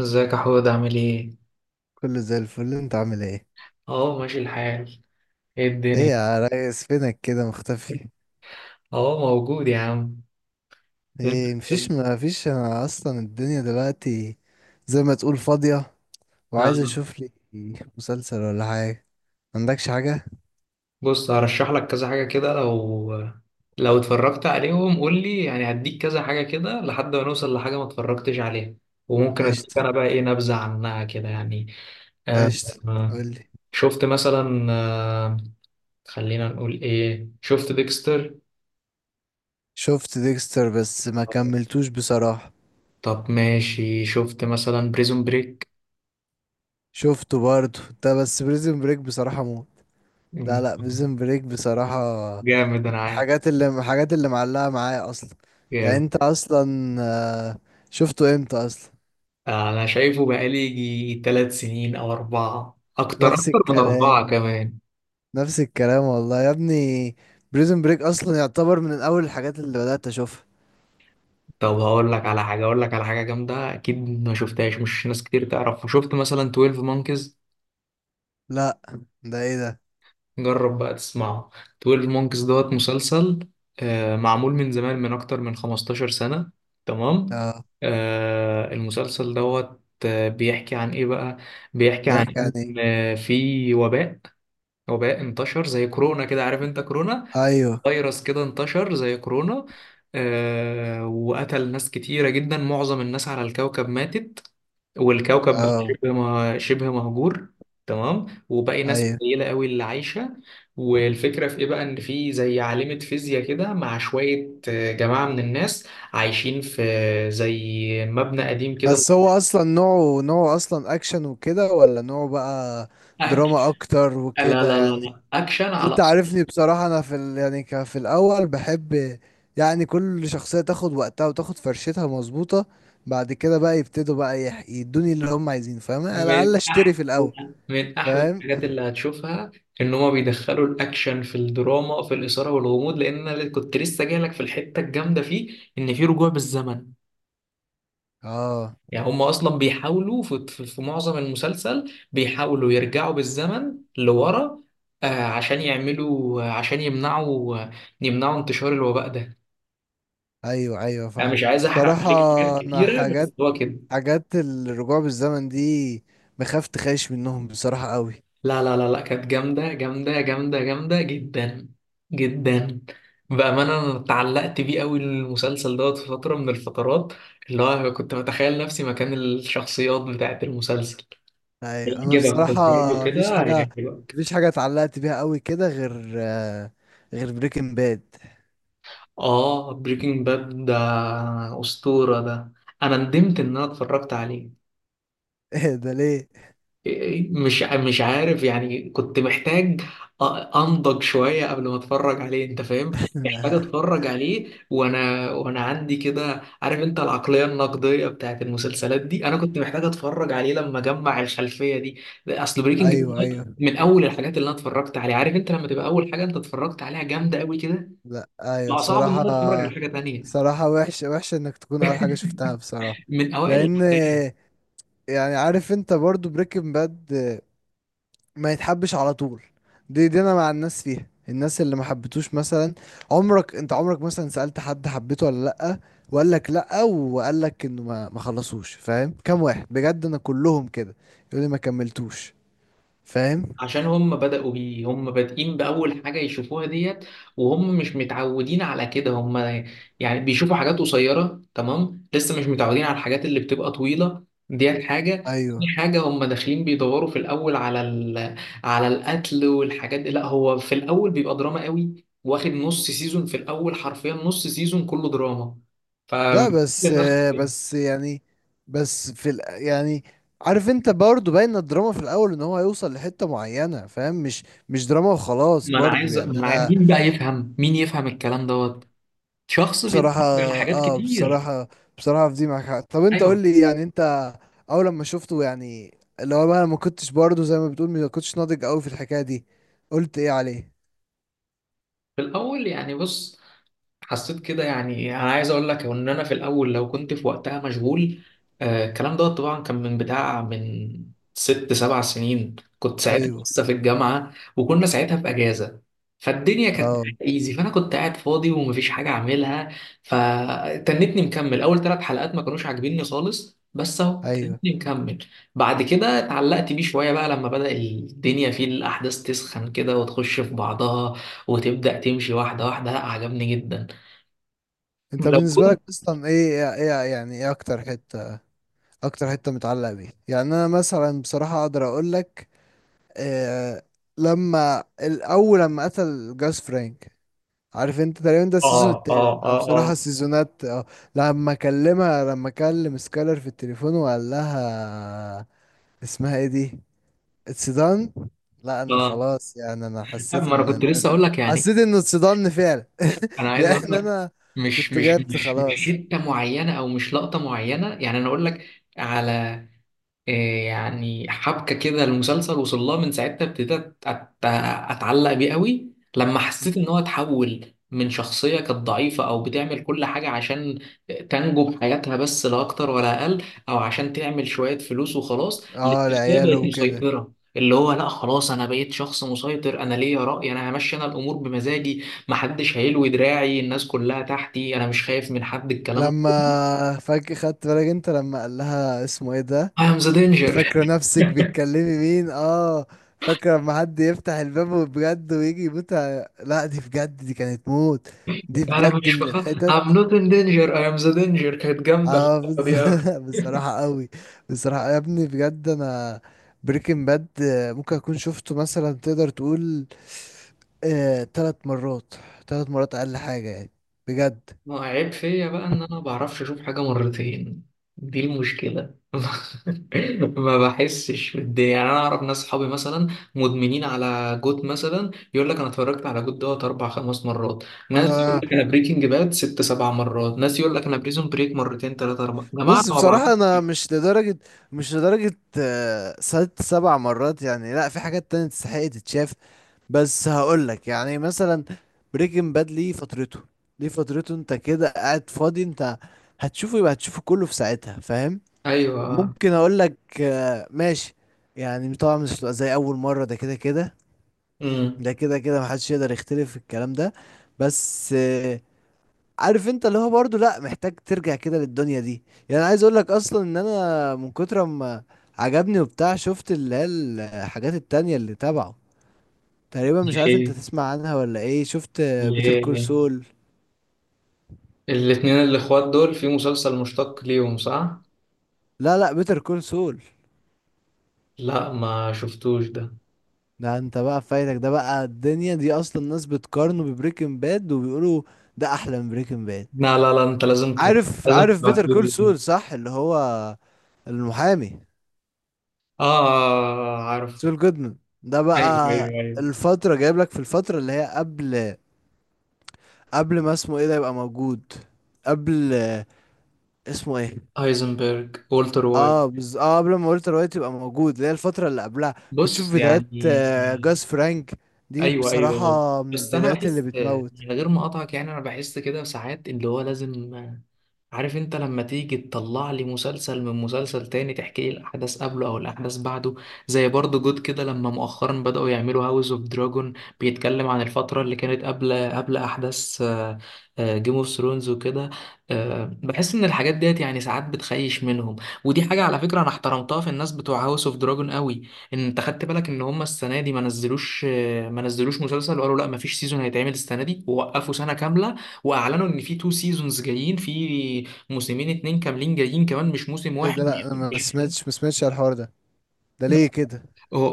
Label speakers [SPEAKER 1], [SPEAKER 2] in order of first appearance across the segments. [SPEAKER 1] ازيك يا حود؟ عامل ايه؟
[SPEAKER 2] كله زي الفل، انت عامل ايه؟
[SPEAKER 1] اه، ماشي الحال. ايه
[SPEAKER 2] ايه
[SPEAKER 1] الدنيا؟
[SPEAKER 2] يا ريس، فينك كده مختفي؟
[SPEAKER 1] اه، موجود يا عم. انت
[SPEAKER 2] ايه، مفيش. انا اصلا الدنيا دلوقتي زي ما تقول فاضية، وعايز
[SPEAKER 1] آه.
[SPEAKER 2] اشوف لي مسلسل ولا حاجة. عندكش حاجة؟
[SPEAKER 1] بص، هرشح لك كذا حاجة كده، لو اتفرجت عليهم قول لي يعني، هديك كذا حاجة كده لحد ما نوصل لحاجة ما اتفرجتش عليها. وممكن اديك
[SPEAKER 2] قشطة،
[SPEAKER 1] انا بقى ايه، نبذة عنها كده يعني. آه.
[SPEAKER 2] قشطة.
[SPEAKER 1] آه،
[SPEAKER 2] قولي.
[SPEAKER 1] شفت مثلا خلينا نقول ايه، شفت ديكستر.
[SPEAKER 2] شفت ديكستر بس ما كملتوش بصراحة.
[SPEAKER 1] طب ماشي، شفت مثلا بريزون بريك.
[SPEAKER 2] شفته برضه ده، بس بريزن بريك بصراحة موت. لا لا، بريزن بريك بصراحة
[SPEAKER 1] جامد، انا عارف.
[SPEAKER 2] الحاجات اللي معلقة معايا اصلا. يعني
[SPEAKER 1] جامد.
[SPEAKER 2] انت اصلا آه، شفته امتى اصلا؟
[SPEAKER 1] انا شايفه بقالي يجي تلات سنين او اربعة، اكتر،
[SPEAKER 2] نفس
[SPEAKER 1] اكتر من اربعة
[SPEAKER 2] الكلام،
[SPEAKER 1] كمان.
[SPEAKER 2] نفس الكلام والله يا ابني. بريزن بريك اصلا يعتبر من اول الحاجات اللي بدأت اشوفها.
[SPEAKER 1] طب هقول لك على حاجة، اقول لك على حاجة جامدة اكيد ما شفتهاش، مش ناس كتير تعرفها. شفت مثلا 12 مونكيز؟
[SPEAKER 2] لا، ده ايه ده؟
[SPEAKER 1] جرب بقى تسمعه. 12 مونكيز دوت مسلسل معمول من زمان، من اكتر من 15 سنة. تمام.
[SPEAKER 2] اه.
[SPEAKER 1] المسلسل دوت بيحكي عن ايه بقى. بيحكي عن
[SPEAKER 2] يحكي عن
[SPEAKER 1] ان
[SPEAKER 2] ايه؟
[SPEAKER 1] في وباء. وباء انتشر زي كورونا كده، عارف انت كورونا.
[SPEAKER 2] ايوه.
[SPEAKER 1] فيروس كده انتشر زي كورونا. وقتل ناس كتيرة جدا، معظم الناس على الكوكب ماتت. والكوكب بقى
[SPEAKER 2] اه.
[SPEAKER 1] شبه شبه مهجور. تمام. وباقي ناس
[SPEAKER 2] ايوه،
[SPEAKER 1] قليلة قوي اللي عايشة. والفكرة في ايه بقى؟ ان في زي عالمة فيزياء كده مع شوية جماعة من الناس عايشين في زي مبنى قديم كده.
[SPEAKER 2] بس هو اصلا نوعه، اصلا اكشن وكده، ولا نوعه بقى
[SPEAKER 1] أك...
[SPEAKER 2] دراما اكتر
[SPEAKER 1] لا
[SPEAKER 2] وكده
[SPEAKER 1] لا لا
[SPEAKER 2] يعني؟
[SPEAKER 1] لا، اكشن
[SPEAKER 2] بس
[SPEAKER 1] على
[SPEAKER 2] انت
[SPEAKER 1] أصل.
[SPEAKER 2] عارفني بصراحة، انا في يعني في الاول بحب يعني كل شخصية تاخد وقتها وتاخد فرشتها مظبوطة. بعد كده بقى يبتدوا بقى يدوني اللي هم عايزينه. فاهم؟ على
[SPEAKER 1] من
[SPEAKER 2] الاقل اشتري في
[SPEAKER 1] احلى
[SPEAKER 2] الاول.
[SPEAKER 1] من احلى
[SPEAKER 2] فاهم.
[SPEAKER 1] الحاجات اللي هتشوفها ان هما بيدخلوا الاكشن في الدراما، في الاثاره والغموض، لان انا كنت لسه جاي لك في الحته الجامده فيه، ان في رجوع بالزمن.
[SPEAKER 2] اه.
[SPEAKER 1] يعني هما اصلا بيحاولوا في معظم المسلسل بيحاولوا يرجعوا بالزمن لورا، عشان يعملوا، عشان يمنعوا، يمنعوا انتشار الوباء ده.
[SPEAKER 2] ايوه، ايوه
[SPEAKER 1] انا
[SPEAKER 2] فاهم.
[SPEAKER 1] مش عايز احرق
[SPEAKER 2] بصراحة،
[SPEAKER 1] عليك حاجات
[SPEAKER 2] انا
[SPEAKER 1] كتيره، بس
[SPEAKER 2] حاجات،
[SPEAKER 1] هو كده.
[SPEAKER 2] حاجات الرجوع بالزمن دي بخاف تخيش منهم بصراحة قوي.
[SPEAKER 1] لا لا لا لا، كانت جامدة جامدة جامدة جامدة جدا جدا. بأمانة أنا اتعلقت بيه أوي المسلسل دوت في فترة من الفترات، اللي هو كنت بتخيل نفسي مكان الشخصيات بتاعت المسلسل.
[SPEAKER 2] ايوه انا
[SPEAKER 1] يعجبك،
[SPEAKER 2] بصراحة
[SPEAKER 1] بتفرج كده
[SPEAKER 2] مفيش حاجة
[SPEAKER 1] هيعجبك.
[SPEAKER 2] مفيش حاجة اتعلقت بيها قوي كده غير غير بريكنج باد.
[SPEAKER 1] بريكنج باد ده أسطورة ده. أنا ندمت إن أنا اتفرجت عليه.
[SPEAKER 2] ده ليه؟
[SPEAKER 1] مش عارف يعني، كنت محتاج أ- انضج شويه قبل ما اتفرج عليه، انت فاهم. محتاج اتفرج عليه وانا عندي كده، عارف انت العقليه النقديه بتاعت المسلسلات دي. انا كنت محتاج اتفرج عليه لما اجمع الخلفيه دي. اصل بريكنج
[SPEAKER 2] ايوه،
[SPEAKER 1] باد
[SPEAKER 2] ايوه.
[SPEAKER 1] من اول الحاجات اللي انا اتفرجت عليها، عارف انت لما تبقى اول حاجه انت اتفرجت عليها جامده قوي كده،
[SPEAKER 2] لا، ايوه
[SPEAKER 1] بقى صعب ان
[SPEAKER 2] بصراحة.
[SPEAKER 1] انا اتفرج على حاجه تانيه.
[SPEAKER 2] بصراحة وحشة، وحشة انك تكون اول حاجة شفتها بصراحة.
[SPEAKER 1] من اوائل
[SPEAKER 2] لان
[SPEAKER 1] الحاجات.
[SPEAKER 2] يعني عارف انت برضو بريكنج باد ما يتحبش على طول. دي انا مع الناس فيها، الناس اللي ما حبتوش مثلا. عمرك انت، عمرك مثلا سألت حد حبيته ولا لأ، وقال لك لأ وقال لك انه ما خلصوش؟ فاهم كام واحد بجد انا كلهم كده يقول لي ما كملتوش. فاهم.
[SPEAKER 1] عشان هم بدأوا بيه، هم بادئين بأول حاجة يشوفوها ديت، وهم مش متعودين على كده. هم يعني بيشوفوا حاجات قصيرة. تمام. لسه مش متعودين على الحاجات اللي بتبقى طويلة. ديت حاجة. تاني
[SPEAKER 2] ايوه.
[SPEAKER 1] حاجة، هم داخلين بيدوروا في الأول على على القتل والحاجات دي. لا، هو في الأول بيبقى دراما قوي، واخد نص سيزون في الأول، حرفيا نص سيزون كله دراما. ف ما
[SPEAKER 2] لا بس بس يعني بس في يعني عارف انت برضه باين الدراما في الاول ان هو هيوصل لحتة معينة، فاهم؟ مش مش دراما وخلاص
[SPEAKER 1] أنا
[SPEAKER 2] برضه
[SPEAKER 1] عايز ما
[SPEAKER 2] يعني
[SPEAKER 1] أنا عايز...
[SPEAKER 2] انا
[SPEAKER 1] مين بقى يفهم، مين يفهم الكلام دوت؟ شخص
[SPEAKER 2] بصراحة.
[SPEAKER 1] بيتفرج على حاجات
[SPEAKER 2] اه
[SPEAKER 1] كتير.
[SPEAKER 2] بصراحة. بصراحة في دي معاك حق. طب انت
[SPEAKER 1] ايوه.
[SPEAKER 2] قول لي يعني انت اول لما شفته يعني اللي هو بقى أنا ما كنتش برضه زي ما بتقول ما كنتش ناضج قوي في الحكاية دي، قلت ايه عليه؟
[SPEAKER 1] في الاول يعني، بص، حسيت كده يعني انا عايز اقول لك ان انا في الاول لو كنت في وقتها مشغول. الكلام ده طبعا كان من بتاع من ست سبع سنين، كنت ساعتها
[SPEAKER 2] ايوه.
[SPEAKER 1] لسه في الجامعه وكنا ساعتها في اجازه. فالدنيا كانت
[SPEAKER 2] اه.
[SPEAKER 1] ايزي، فانا كنت قاعد فاضي ومفيش حاجه اعملها، فتنتني مكمل. اول ثلاث حلقات ما كانوش عاجبيني خالص، بس اهو
[SPEAKER 2] ايوه.
[SPEAKER 1] تنتني مكمل. بعد كده اتعلقت بيه شويه بقى، لما بدأ الدنيا فيه الاحداث تسخن كده وتخش في بعضها وتبدأ تمشي واحده واحده. لا، عجبني جدا.
[SPEAKER 2] انت
[SPEAKER 1] لو
[SPEAKER 2] بالنسبة
[SPEAKER 1] كنت
[SPEAKER 2] لك اصلا، ايه ايه يعني، ايه اكتر حتة، اكتر حتة متعلقة بيه؟ يعني انا مثلا بصراحة اقدر اقول لك آه لما الاول لما قتل جاس فرانك. عارف انت تقريبا ده السيزون
[SPEAKER 1] اه
[SPEAKER 2] التالت.
[SPEAKER 1] اه
[SPEAKER 2] انا
[SPEAKER 1] اه
[SPEAKER 2] بصراحة
[SPEAKER 1] اه
[SPEAKER 2] السيزونات اه، لما اكلمها لما اكلم سكالر في التليفون وقال لها، اسمها ايه دي، اتسدان. لا انا
[SPEAKER 1] اه
[SPEAKER 2] خلاص، يعني انا حسيت
[SPEAKER 1] ما انا كنت
[SPEAKER 2] ان
[SPEAKER 1] لسه اقول لك يعني،
[SPEAKER 2] حسيت انه اتصدمني فعلا.
[SPEAKER 1] انا عايز
[SPEAKER 2] يعني
[SPEAKER 1] اقول لك،
[SPEAKER 2] انا
[SPEAKER 1] مش
[SPEAKER 2] كنت
[SPEAKER 1] مش
[SPEAKER 2] جبت
[SPEAKER 1] مش مش
[SPEAKER 2] خلاص.
[SPEAKER 1] حته معينه او مش لقطه معينه. يعني انا اقول لك على إيه، يعني حبكة كده المسلسل وصلها، من ساعتها ابتديت أتعلق بيه قوي، لما حسيت إن
[SPEAKER 2] مم.
[SPEAKER 1] هو اتحول من شخصية كانت ضعيفة أو بتعمل كل حاجة عشان تنجو بحياتها بس، لا أكتر ولا أقل، أو عشان تعمل شوية فلوس وخلاص،
[SPEAKER 2] اه
[SPEAKER 1] لشخصية
[SPEAKER 2] لعياله
[SPEAKER 1] بقت
[SPEAKER 2] وكده.
[SPEAKER 1] مسيطرة، اللي هو لا خلاص أنا بقيت شخص مسيطر، أنا ليا رأي، أنا همشي، أنا الأمور بمزاجي، محدش هيلوي دراعي، الناس كلها تحتي، أنا مش خايف من حد، الكلام ده.
[SPEAKER 2] لما فجأة خدت بالك انت لما قال لها، اسمه ايه ده،
[SPEAKER 1] I am the danger.
[SPEAKER 2] فاكرة نفسك بتكلمي مين؟ اه. فاكرة لما حد يفتح الباب بجد ويجي يموت لا، دي بجد دي كانت موت. دي
[SPEAKER 1] انا
[SPEAKER 2] بجد
[SPEAKER 1] مش
[SPEAKER 2] من
[SPEAKER 1] بخاف.
[SPEAKER 2] الحتت.
[SPEAKER 1] I'm not in danger. I am the danger. كانت جامدة
[SPEAKER 2] اه
[SPEAKER 1] اللقطة دي أوي.
[SPEAKER 2] بصراحة قوي. بصراحة يا ابني بجد، انا بريكنج باد ممكن اكون شفته مثلا تقدر تقول 3 مرات، 3 مرات اقل حاجة يعني، بجد.
[SPEAKER 1] ما عيب فيا بقى ان انا ما بعرفش اشوف حاجة مرتين، دي المشكلة. ما بحسش بالدنيا. يعني انا اعرف ناس، صحابي مثلا، مدمنين على جوت مثلا، يقول لك انا اتفرجت على جوت دوت اربع خمس مرات. ناس يقول
[SPEAKER 2] انا
[SPEAKER 1] لك انا بريكنج باد ست سبع مرات. ناس يقول لك انا بريزون بريك مرتين، ثلاثة، اربعة. يا جماعة،
[SPEAKER 2] بس
[SPEAKER 1] أنا ما بعرفش.
[SPEAKER 2] بصراحة، أنا مش لدرجة، مش لدرجة ست سبع مرات يعني، لأ، في حاجات تانية تستحق تتشاف. بس هقولك يعني مثلا بريكنج باد ليه فترته، ليه فترته، أنت كده قاعد فاضي، أنت هتشوفه، يبقى هتشوفه كله في ساعتها، فاهم؟
[SPEAKER 1] ايوه.
[SPEAKER 2] ممكن أقولك ماشي. يعني طبعا مش هتبقى زي أول مرة، ده كده كده،
[SPEAKER 1] امم
[SPEAKER 2] ده كده كده محدش يقدر يختلف في الكلام ده. بس عارف انت اللي هو برضه، لا محتاج ترجع كده للدنيا دي. يعني عايز اقول لك اصلا ان انا من كتر ما عجبني وبتاع، شفت اللي هي الحاجات التانية اللي تبعه؟ تقريبا مش عارف انت
[SPEAKER 1] ليه؟
[SPEAKER 2] تسمع عنها ولا ايه؟ شفت بيتر كول
[SPEAKER 1] ليه؟
[SPEAKER 2] سول؟
[SPEAKER 1] الاتنين الاخوات دول في مسلسل مشتق ليهم، صح؟
[SPEAKER 2] لا لا، بيتر كول سول.
[SPEAKER 1] لا، ما شفتوش ده.
[SPEAKER 2] ده انت بقى فايتك، ده بقى الدنيا دي اصلا، الناس بتقارنه ببريكنج باد وبيقولوا ده احلى من بريكنج باد.
[SPEAKER 1] لا لا لا، انت لازم
[SPEAKER 2] عارف،
[SPEAKER 1] لازم
[SPEAKER 2] عارف بيتر كول
[SPEAKER 1] تبعتولي ده.
[SPEAKER 2] سول صح، اللي هو المحامي
[SPEAKER 1] اه، عارف.
[SPEAKER 2] سول جودمان. ده بقى
[SPEAKER 1] ايوه ايوه ايوه.
[SPEAKER 2] الفترة، جايب لك في الفترة اللي هي قبل، قبل ما اسمه ايه ده يبقى موجود، قبل، اسمه ايه؟
[SPEAKER 1] هايزنبرج، والتر وايت.
[SPEAKER 2] اه اه قبل ما والتر وايت يبقى موجود، اللي هي الفترة اللي قبلها. بتشوف
[SPEAKER 1] بص
[SPEAKER 2] فيديوهات
[SPEAKER 1] يعني.
[SPEAKER 2] جاس فرانك. دي
[SPEAKER 1] ايوه ايوه ايوه.
[SPEAKER 2] بصراحة من
[SPEAKER 1] بس انا
[SPEAKER 2] البدايات اللي
[SPEAKER 1] بحس،
[SPEAKER 2] بتموت.
[SPEAKER 1] من غير ما اقطعك يعني، انا بحس كده ساعات اللي هو لازم، عارف انت لما تيجي تطلع لي مسلسل من مسلسل تاني، تحكي لي الاحداث قبله او الاحداث بعده، زي برضه جود كده، لما مؤخرا بدأوا يعملوا هاوس اوف دراجون، بيتكلم عن الفترة اللي كانت قبل احداث جيم اوف ثرونز وكده. بحس ان الحاجات ديت يعني ساعات بتخيش منهم. ودي حاجة على فكرة انا احترمتها في الناس بتوع هاوس اوف دراجون قوي، ان انت خدت بالك ان هم السنة دي ما نزلوش مسلسل، وقالوا لا، ما فيش سيزون هيتعمل السنة دي، ووقفوا سنة كاملة واعلنوا ان في تو سيزونز جايين، في موسمين اتنين كاملين جايين، كمان مش موسم
[SPEAKER 2] ايه
[SPEAKER 1] واحد.
[SPEAKER 2] ده؟ لا انا ما سمعتش، ما سمعتش على الحوار ده، ده
[SPEAKER 1] مش-
[SPEAKER 2] ليه كده؟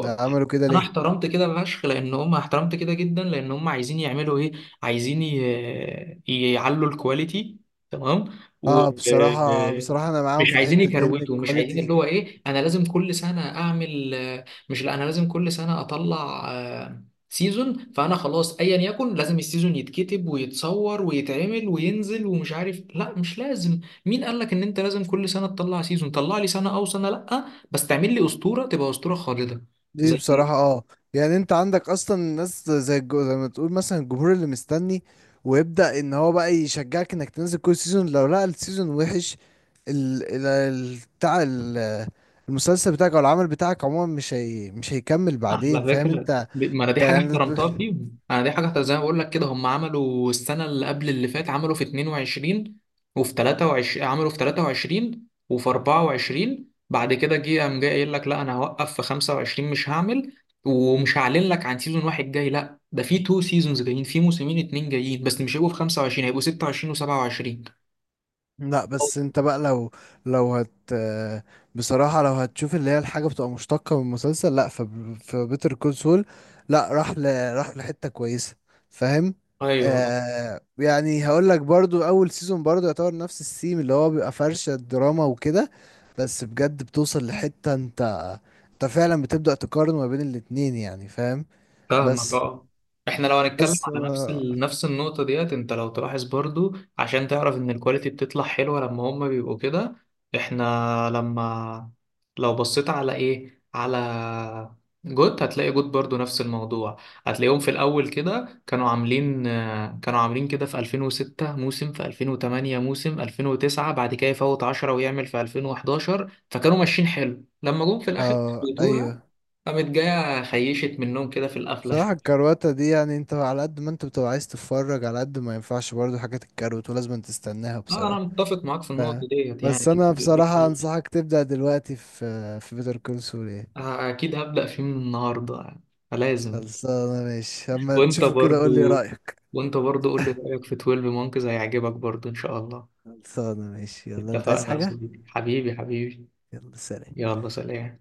[SPEAKER 2] ده عملوا كده
[SPEAKER 1] انا
[SPEAKER 2] ليه؟
[SPEAKER 1] احترمت كده فشخ لان هم، احترمت كده جدا لان هم عايزين يعملوا ايه، عايزين يعلوا الكواليتي. تمام. و
[SPEAKER 2] اه بصراحة، بصراحة انا معاهم
[SPEAKER 1] مش
[SPEAKER 2] في
[SPEAKER 1] عايزين
[SPEAKER 2] الحتة دي ان
[SPEAKER 1] يكروتوا، مش عايزين اللي
[SPEAKER 2] الكواليتي.
[SPEAKER 1] هو ايه، انا لازم كل سنه اعمل، مش، لا انا لازم كل سنه اطلع سيزون، فانا خلاص ايا يكن لازم السيزون يتكتب ويتصور ويتعمل وينزل ومش عارف، لا، مش لازم. مين قال لك ان انت لازم كل سنه تطلع سيزون؟ طلع لي سنه او سنه لا، بس تعمل لي اسطوره تبقى اسطوره خالده.
[SPEAKER 2] دي
[SPEAKER 1] زي
[SPEAKER 2] بصراحة
[SPEAKER 1] ايه؟
[SPEAKER 2] اه. يعني انت عندك اصلا ناس زي زي ما تقول مثلا الجمهور اللي مستني ويبدأ ان هو بقى يشجعك انك تنزل كل سيزون. لو لقى السيزون وحش، بتاع المسلسل بتاعك او العمل بتاعك عموما، مش هيكمل بعدين.
[SPEAKER 1] على
[SPEAKER 2] فاهم
[SPEAKER 1] فكرة
[SPEAKER 2] انت؟
[SPEAKER 1] ما انا دي
[SPEAKER 2] انت
[SPEAKER 1] حاجة
[SPEAKER 2] يعني.
[SPEAKER 1] احترمتها فيهم، انا دي حاجة احترمتها زي ما بقول لك كده، هم عملوا السنة اللي قبل اللي فات، عملوا في 22، وفي 23، عملوا في 23 وفي 24، بعد كده جه قام جاي قايل لك لا، انا هوقف في 25، مش هعمل ومش هعلن لك عن سيزون واحد جاي، لا ده في تو سيزونز جايين، في موسمين اتنين جايين، بس مش هيبقوا في 25، هيبقوا 26 و27.
[SPEAKER 2] لا، بس انت بقى لو، لو هت بصراحة لو هتشوف اللي هي الحاجة بتبقى مشتقة من المسلسل، لا، في بيتر كونسول، لا، راح لحتة كويسة، فاهم؟
[SPEAKER 1] ايوه،
[SPEAKER 2] آه، يعني هقول لك برضو اول سيزون برضو يعتبر نفس السيم اللي هو بيبقى فرشة دراما وكده، بس بجد بتوصل لحتة انت، انت فعلا بتبدأ تقارن ما بين الاتنين يعني. فاهم؟
[SPEAKER 1] فاهمك.
[SPEAKER 2] بس
[SPEAKER 1] اه. احنا لو هنتكلم
[SPEAKER 2] بس
[SPEAKER 1] على نفس النقطة ديت، انت لو تلاحظ برضو عشان تعرف ان الكواليتي بتطلع حلوة لما هما بيبقوا كده. احنا لما، لو بصيت على ايه، على جوت، هتلاقي جوت برضو نفس الموضوع، هتلاقيهم في الاول كده كانوا عاملين كانوا عاملين كده في 2006 موسم، في 2008 موسم، 2009 بعد كده يفوت 10 ويعمل في 2011، فكانوا ماشيين حلو، لما جم في الاخر
[SPEAKER 2] ايوه.
[SPEAKER 1] قامت جاية خيشت منهم كده في القفلة
[SPEAKER 2] صراحة
[SPEAKER 1] شوية.
[SPEAKER 2] الكرواتة دي، يعني انت على قد ما انت بتبقى عايز تتفرج، على قد ما ينفعش برضو حاجات الكروت ولازم تستناها
[SPEAKER 1] لا أنا
[SPEAKER 2] بصراحة.
[SPEAKER 1] متفق معاك في
[SPEAKER 2] ف...
[SPEAKER 1] النقطة ديت، يعني
[SPEAKER 2] بس
[SPEAKER 1] لازم.
[SPEAKER 2] انا
[SPEAKER 1] يبقى
[SPEAKER 2] بصراحة
[SPEAKER 1] ليه.
[SPEAKER 2] انصحك تبدأ دلوقتي في بيتر كول سول. ايه،
[SPEAKER 1] أكيد هبدأ فيه من النهاردة يعني. لازم.
[SPEAKER 2] خلصانة ماشي، اما
[SPEAKER 1] وأنت
[SPEAKER 2] تشوفه كده قول لي
[SPEAKER 1] برضو
[SPEAKER 2] رأيك.
[SPEAKER 1] وأنت برضو قول لي رأيك في 12 مونكز، هيعجبك برضو إن شاء الله.
[SPEAKER 2] خلصانة ماشي، يلا انت عايز
[SPEAKER 1] اتفقنا يا
[SPEAKER 2] حاجة؟
[SPEAKER 1] صديقي، حبيبي حبيبي.
[SPEAKER 2] يلا سلام.
[SPEAKER 1] يلا سلام.